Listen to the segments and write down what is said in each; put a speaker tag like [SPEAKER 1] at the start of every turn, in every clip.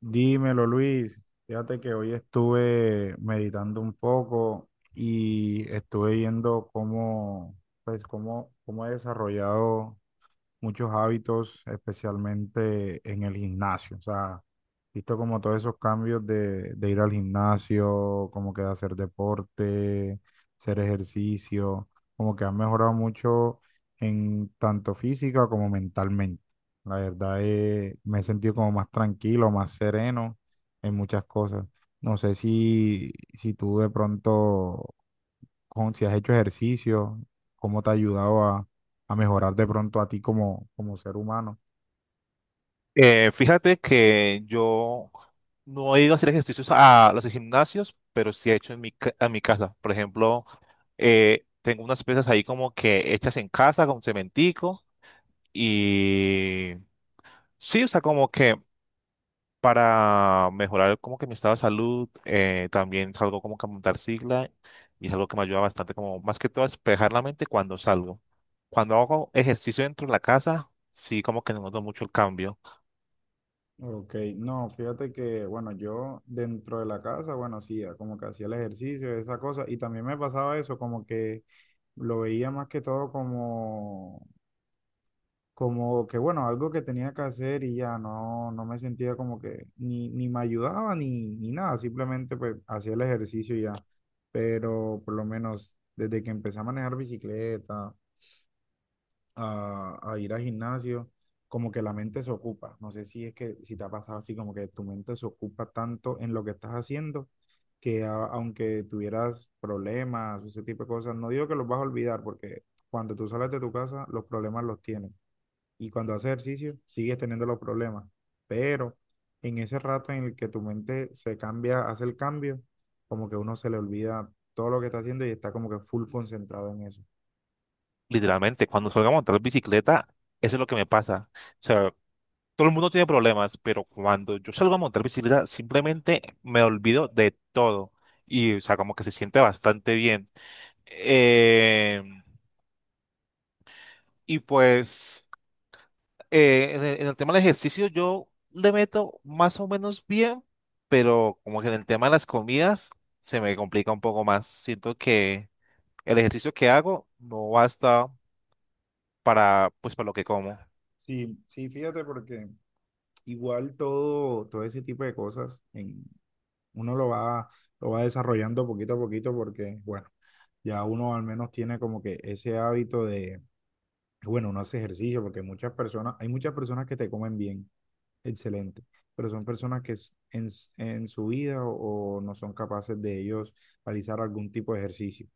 [SPEAKER 1] Dímelo, Luis. Fíjate que hoy estuve meditando un poco y estuve viendo cómo, pues, cómo he desarrollado muchos hábitos, especialmente en el gimnasio. O sea, visto como todos esos cambios de ir al gimnasio, como que de hacer deporte, hacer ejercicio, como que han mejorado mucho en tanto física como mentalmente. La verdad es, me he sentido como más tranquilo, más sereno en muchas cosas. No sé si tú de pronto, si has hecho ejercicio, cómo te ha ayudado a mejorar de pronto a ti como, como ser humano.
[SPEAKER 2] Fíjate que yo no he ido a hacer ejercicios a los gimnasios, pero sí he hecho en a mi casa. Por ejemplo, tengo unas pesas ahí como que hechas en casa con cementico y sí, o sea, como que para mejorar como que mi estado de salud, también salgo como que a montar sigla y es algo que me ayuda bastante, como más que todo a despejar la mente cuando salgo. Cuando hago ejercicio dentro de la casa, sí como que noto mucho el cambio.
[SPEAKER 1] Ok, no, fíjate que, bueno, yo dentro de la casa, bueno, hacía como que hacía el ejercicio, esa cosa, y también me pasaba eso, como que lo veía más que todo como, como que, bueno, algo que tenía que hacer y ya no, no me sentía como que ni me ayudaba ni nada, simplemente pues hacía el ejercicio y ya, pero por lo menos desde que empecé a manejar bicicleta, a ir al gimnasio, como que la mente se ocupa. No sé si es que si te ha pasado así, como que tu mente se ocupa tanto en lo que estás haciendo, que aunque tuvieras problemas, ese tipo de cosas, no digo que los vas a olvidar, porque cuando tú sales de tu casa, los problemas los tienes. Y cuando haces ejercicio, sigues teniendo los problemas. Pero en ese rato en el que tu mente se cambia, hace el cambio, como que uno se le olvida todo lo que está haciendo y está como que full concentrado en eso.
[SPEAKER 2] Literalmente, cuando salgo a montar bicicleta, eso es lo que me pasa. O sea, todo el mundo tiene problemas, pero cuando yo salgo a montar bicicleta, simplemente me olvido de todo. Y, o sea, como que se siente bastante bien. Eh, y pues, en el tema del ejercicio, yo le meto más o menos bien, pero como que en el tema de las comidas, se me complica un poco más. Siento que el ejercicio que hago no basta para, pues, para lo que como.
[SPEAKER 1] Sí, sí, fíjate porque igual todo ese tipo de cosas en, uno lo va desarrollando poquito a poquito porque, bueno, ya uno al menos tiene como que ese hábito de, bueno, uno hace ejercicio porque muchas personas, hay muchas personas que te comen bien, excelente, pero son personas que en su vida o no son capaces de ellos realizar algún tipo de ejercicio.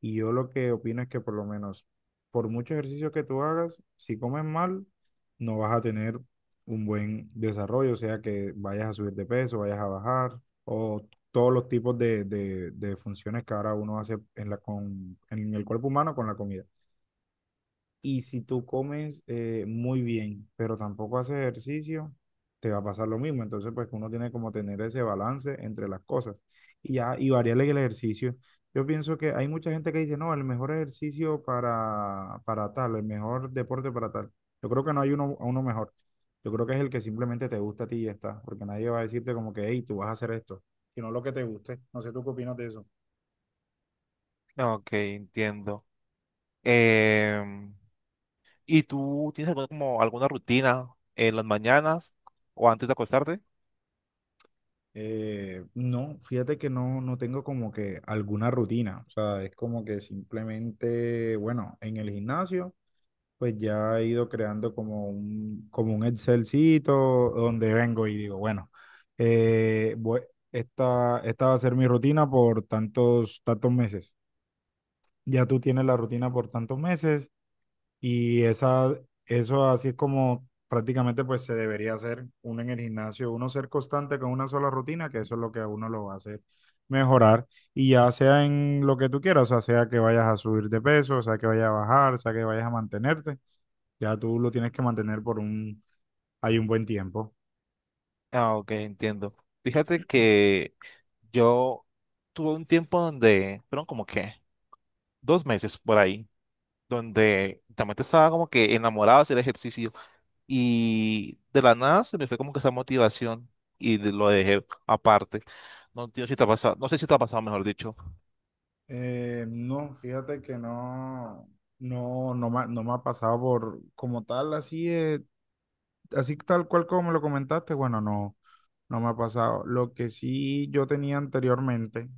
[SPEAKER 1] Y yo lo que opino es que por lo menos, por mucho ejercicio que tú hagas, si comes mal, no vas a tener un buen desarrollo, o sea que vayas a subir de peso, vayas a bajar, o todos los tipos de funciones que ahora uno hace en la, con, en el cuerpo humano con la comida. Y si tú comes muy bien, pero tampoco haces ejercicio, te va a pasar lo mismo. Entonces, pues uno tiene como tener ese balance entre las cosas y ya, y variarle el ejercicio. Yo pienso que hay mucha gente que dice, no, el mejor ejercicio para tal, el mejor deporte para tal. Yo creo que no hay uno mejor. Yo creo que es el que simplemente te gusta a ti y ya está, porque nadie va a decirte como que, hey, tú vas a hacer esto, sino lo que te guste. No sé tú qué opinas de eso.
[SPEAKER 2] Ok, entiendo. Em, ¿Y tú tienes alguna, como alguna rutina en las mañanas o antes de acostarte?
[SPEAKER 1] No, fíjate que no, no tengo como que alguna rutina, o sea, es como que simplemente, bueno, en el gimnasio, pues ya he ido creando como un Excelcito donde vengo y digo, bueno, eh, voy- esta, esta va a ser mi rutina por tantos, tantos meses. Ya tú tienes la rutina por tantos meses y esa, eso así es como prácticamente pues se debería hacer uno en el gimnasio, uno ser constante con una sola rutina, que eso es lo que a uno lo va a hacer mejorar. Y ya sea en lo que tú quieras, o sea, sea que vayas a subir de peso, sea que vayas a bajar, sea que vayas a mantenerte, ya tú lo tienes que mantener por un, hay un buen tiempo.
[SPEAKER 2] Ah, ok, entiendo. Fíjate que yo tuve un tiempo donde, fueron como que 2 meses por ahí, donde también estaba como que enamorado de hacer ejercicio y de la nada se me fue como que esa motivación y lo dejé aparte. No, tío, si te ha pasado, no sé si te ha pasado, mejor dicho.
[SPEAKER 1] No, fíjate que no me, no me ha pasado por como tal así de así tal cual como me lo comentaste, bueno, no, no me ha pasado. Lo que sí yo tenía anteriormente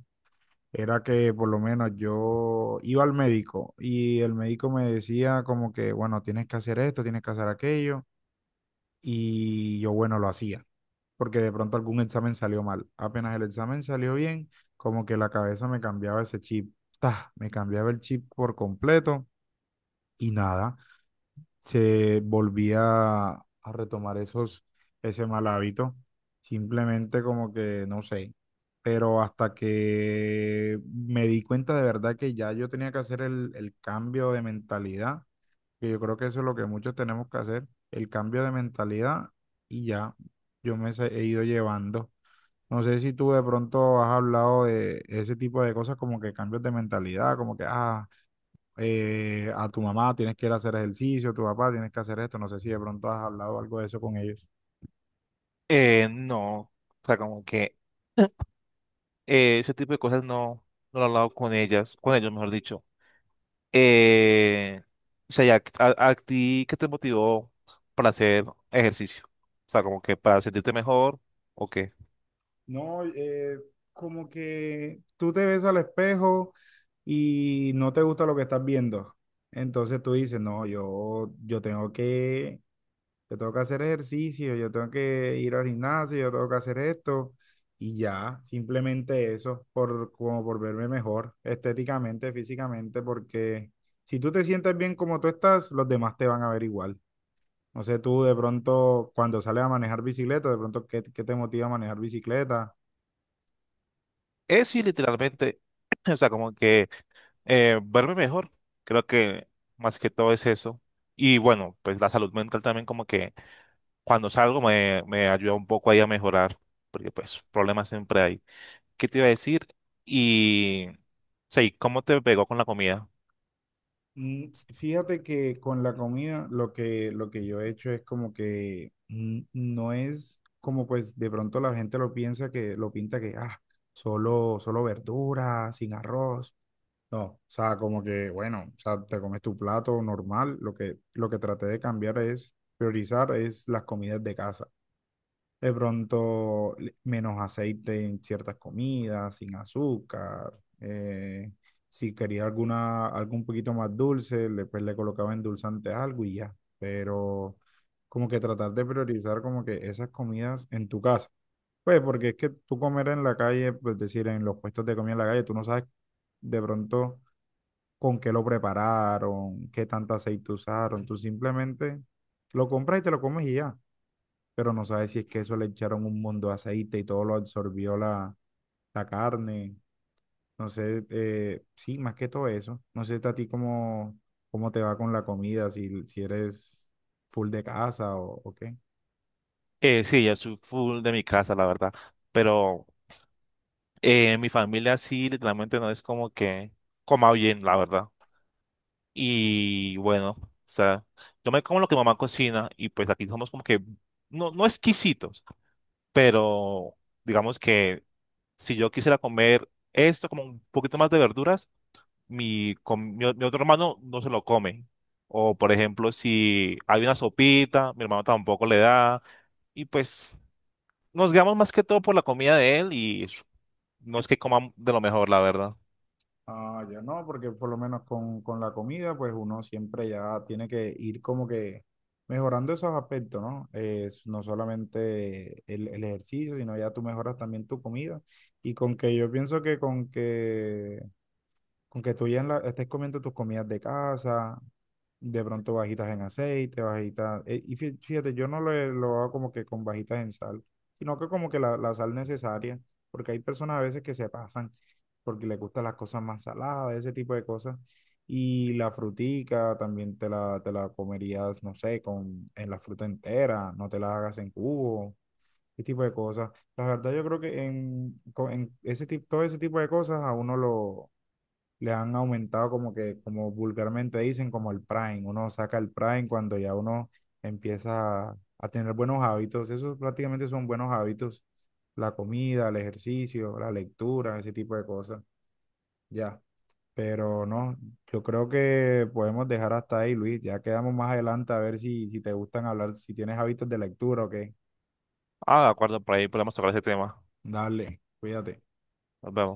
[SPEAKER 1] era que por lo menos yo iba al médico y el médico me decía como que, bueno, tienes que hacer esto, tienes que hacer aquello, y yo, bueno, lo hacía, porque de pronto algún examen salió mal. Apenas el examen salió bien, como que la cabeza me cambiaba ese chip, ¡tah! Me cambiaba el chip por completo y nada se volvía a retomar ese mal hábito, simplemente como que no sé, pero hasta que me di cuenta de verdad que ya yo tenía que hacer el cambio de mentalidad, que yo creo que eso es lo que muchos tenemos que hacer, el cambio de mentalidad y ya yo he ido llevando. No sé si tú de pronto has hablado de ese tipo de cosas como que cambios de mentalidad, como que, ah, a tu mamá tienes que ir a hacer ejercicio, a tu papá tienes que hacer esto. No sé si de pronto has hablado algo de eso con ellos.
[SPEAKER 2] No, o sea, como que ese tipo de cosas no, no lo he hablado con ellas, con ellos, mejor dicho. Eh, o sea, ya, a ti, ¿qué te motivó para hacer ejercicio? O sea, como que para sentirte mejor o qué.
[SPEAKER 1] No, como que tú te ves al espejo y no te gusta lo que estás viendo. Entonces tú dices, no, yo tengo que hacer ejercicio, yo tengo que ir al gimnasio, yo tengo que hacer esto. Y ya, simplemente eso, por, como por verme mejor estéticamente, físicamente, porque si tú te sientes bien como tú estás, los demás te van a ver igual. No sé tú de pronto cuando sales a manejar bicicleta, de pronto qué, qué te motiva a manejar bicicleta.
[SPEAKER 2] Es sí, literalmente, o sea, como que verme mejor, creo que más que todo es eso. Y bueno, pues la salud mental también como que cuando salgo me ayuda un poco ahí a mejorar, porque pues problemas siempre hay. ¿Qué te iba a decir? Y... Sí, ¿cómo te pegó con la comida?
[SPEAKER 1] Mm, fíjate que con la comida lo que yo he hecho es como que mm, no es como pues de pronto la gente lo piensa que lo pinta que ah, solo verdura, sin arroz. No, o sea, como que bueno, o sea, te comes tu plato normal. Lo que traté de cambiar es priorizar es las comidas de casa. De pronto, menos aceite en ciertas comidas, sin azúcar. Eh, si quería alguna, algo un poquito más dulce, le, pues le colocaba endulzante a algo y ya. Pero como que tratar de priorizar como que esas comidas en tu casa. Pues porque es que tú comer en la calle, pues decir, en los puestos de comida en la calle, tú no sabes de pronto con qué lo prepararon, qué tanto aceite usaron. Tú simplemente lo compras y te lo comes y ya, pero no sabe si es que eso le echaron un montón de aceite y todo lo absorbió la carne. No sé, sí, más que todo eso. No sé a ti cómo, cómo te va con la comida, si eres full de casa o qué.
[SPEAKER 2] Sí, yo soy full de mi casa, la verdad. Pero mi familia sí, literalmente no es como que coma bien, la verdad. Y bueno, o sea, yo me como lo que mamá cocina y pues aquí somos como que, no, no exquisitos, pero digamos que si yo quisiera comer esto, como un poquito más de verduras, mi, com- mi, o- mi otro hermano no se lo come. O por ejemplo, si hay una sopita, mi hermano tampoco le da. Y pues nos guiamos más que todo por la comida de él y no es que coman de lo mejor, la verdad.
[SPEAKER 1] Ah, yo no, porque por lo menos con la comida, pues uno siempre ya tiene que ir como que mejorando esos aspectos, ¿no? Es no solamente el ejercicio, sino ya tú mejoras también tu comida. Y con que yo pienso que con que con que tú ya estés comiendo tus comidas de casa, de pronto bajitas en aceite, bajitas. Eh, y fíjate, yo no lo, lo hago como que con bajitas en sal, sino que como que la sal necesaria, porque hay personas a veces que se pasan porque les gustan las cosas más saladas, ese tipo de cosas. Y la frutica también te la comerías, no sé, con, en la fruta entera, no te la hagas en cubo, ese tipo de cosas. La verdad, yo creo que en, en ese tipo, todo ese tipo de cosas a uno lo le han aumentado como que, como vulgarmente dicen, como el prime. Uno saca el prime cuando ya uno empieza a tener buenos hábitos. Esos prácticamente son buenos hábitos. La comida, el ejercicio, la lectura, ese tipo de cosas. Ya. Pero no, yo creo que podemos dejar hasta ahí, Luis. Ya quedamos más adelante a ver si te gustan hablar, si tienes hábitos de lectura o qué.
[SPEAKER 2] Ah, de acuerdo, por ahí podemos tocar ese tema.
[SPEAKER 1] Dale, cuídate.
[SPEAKER 2] Nos vemos.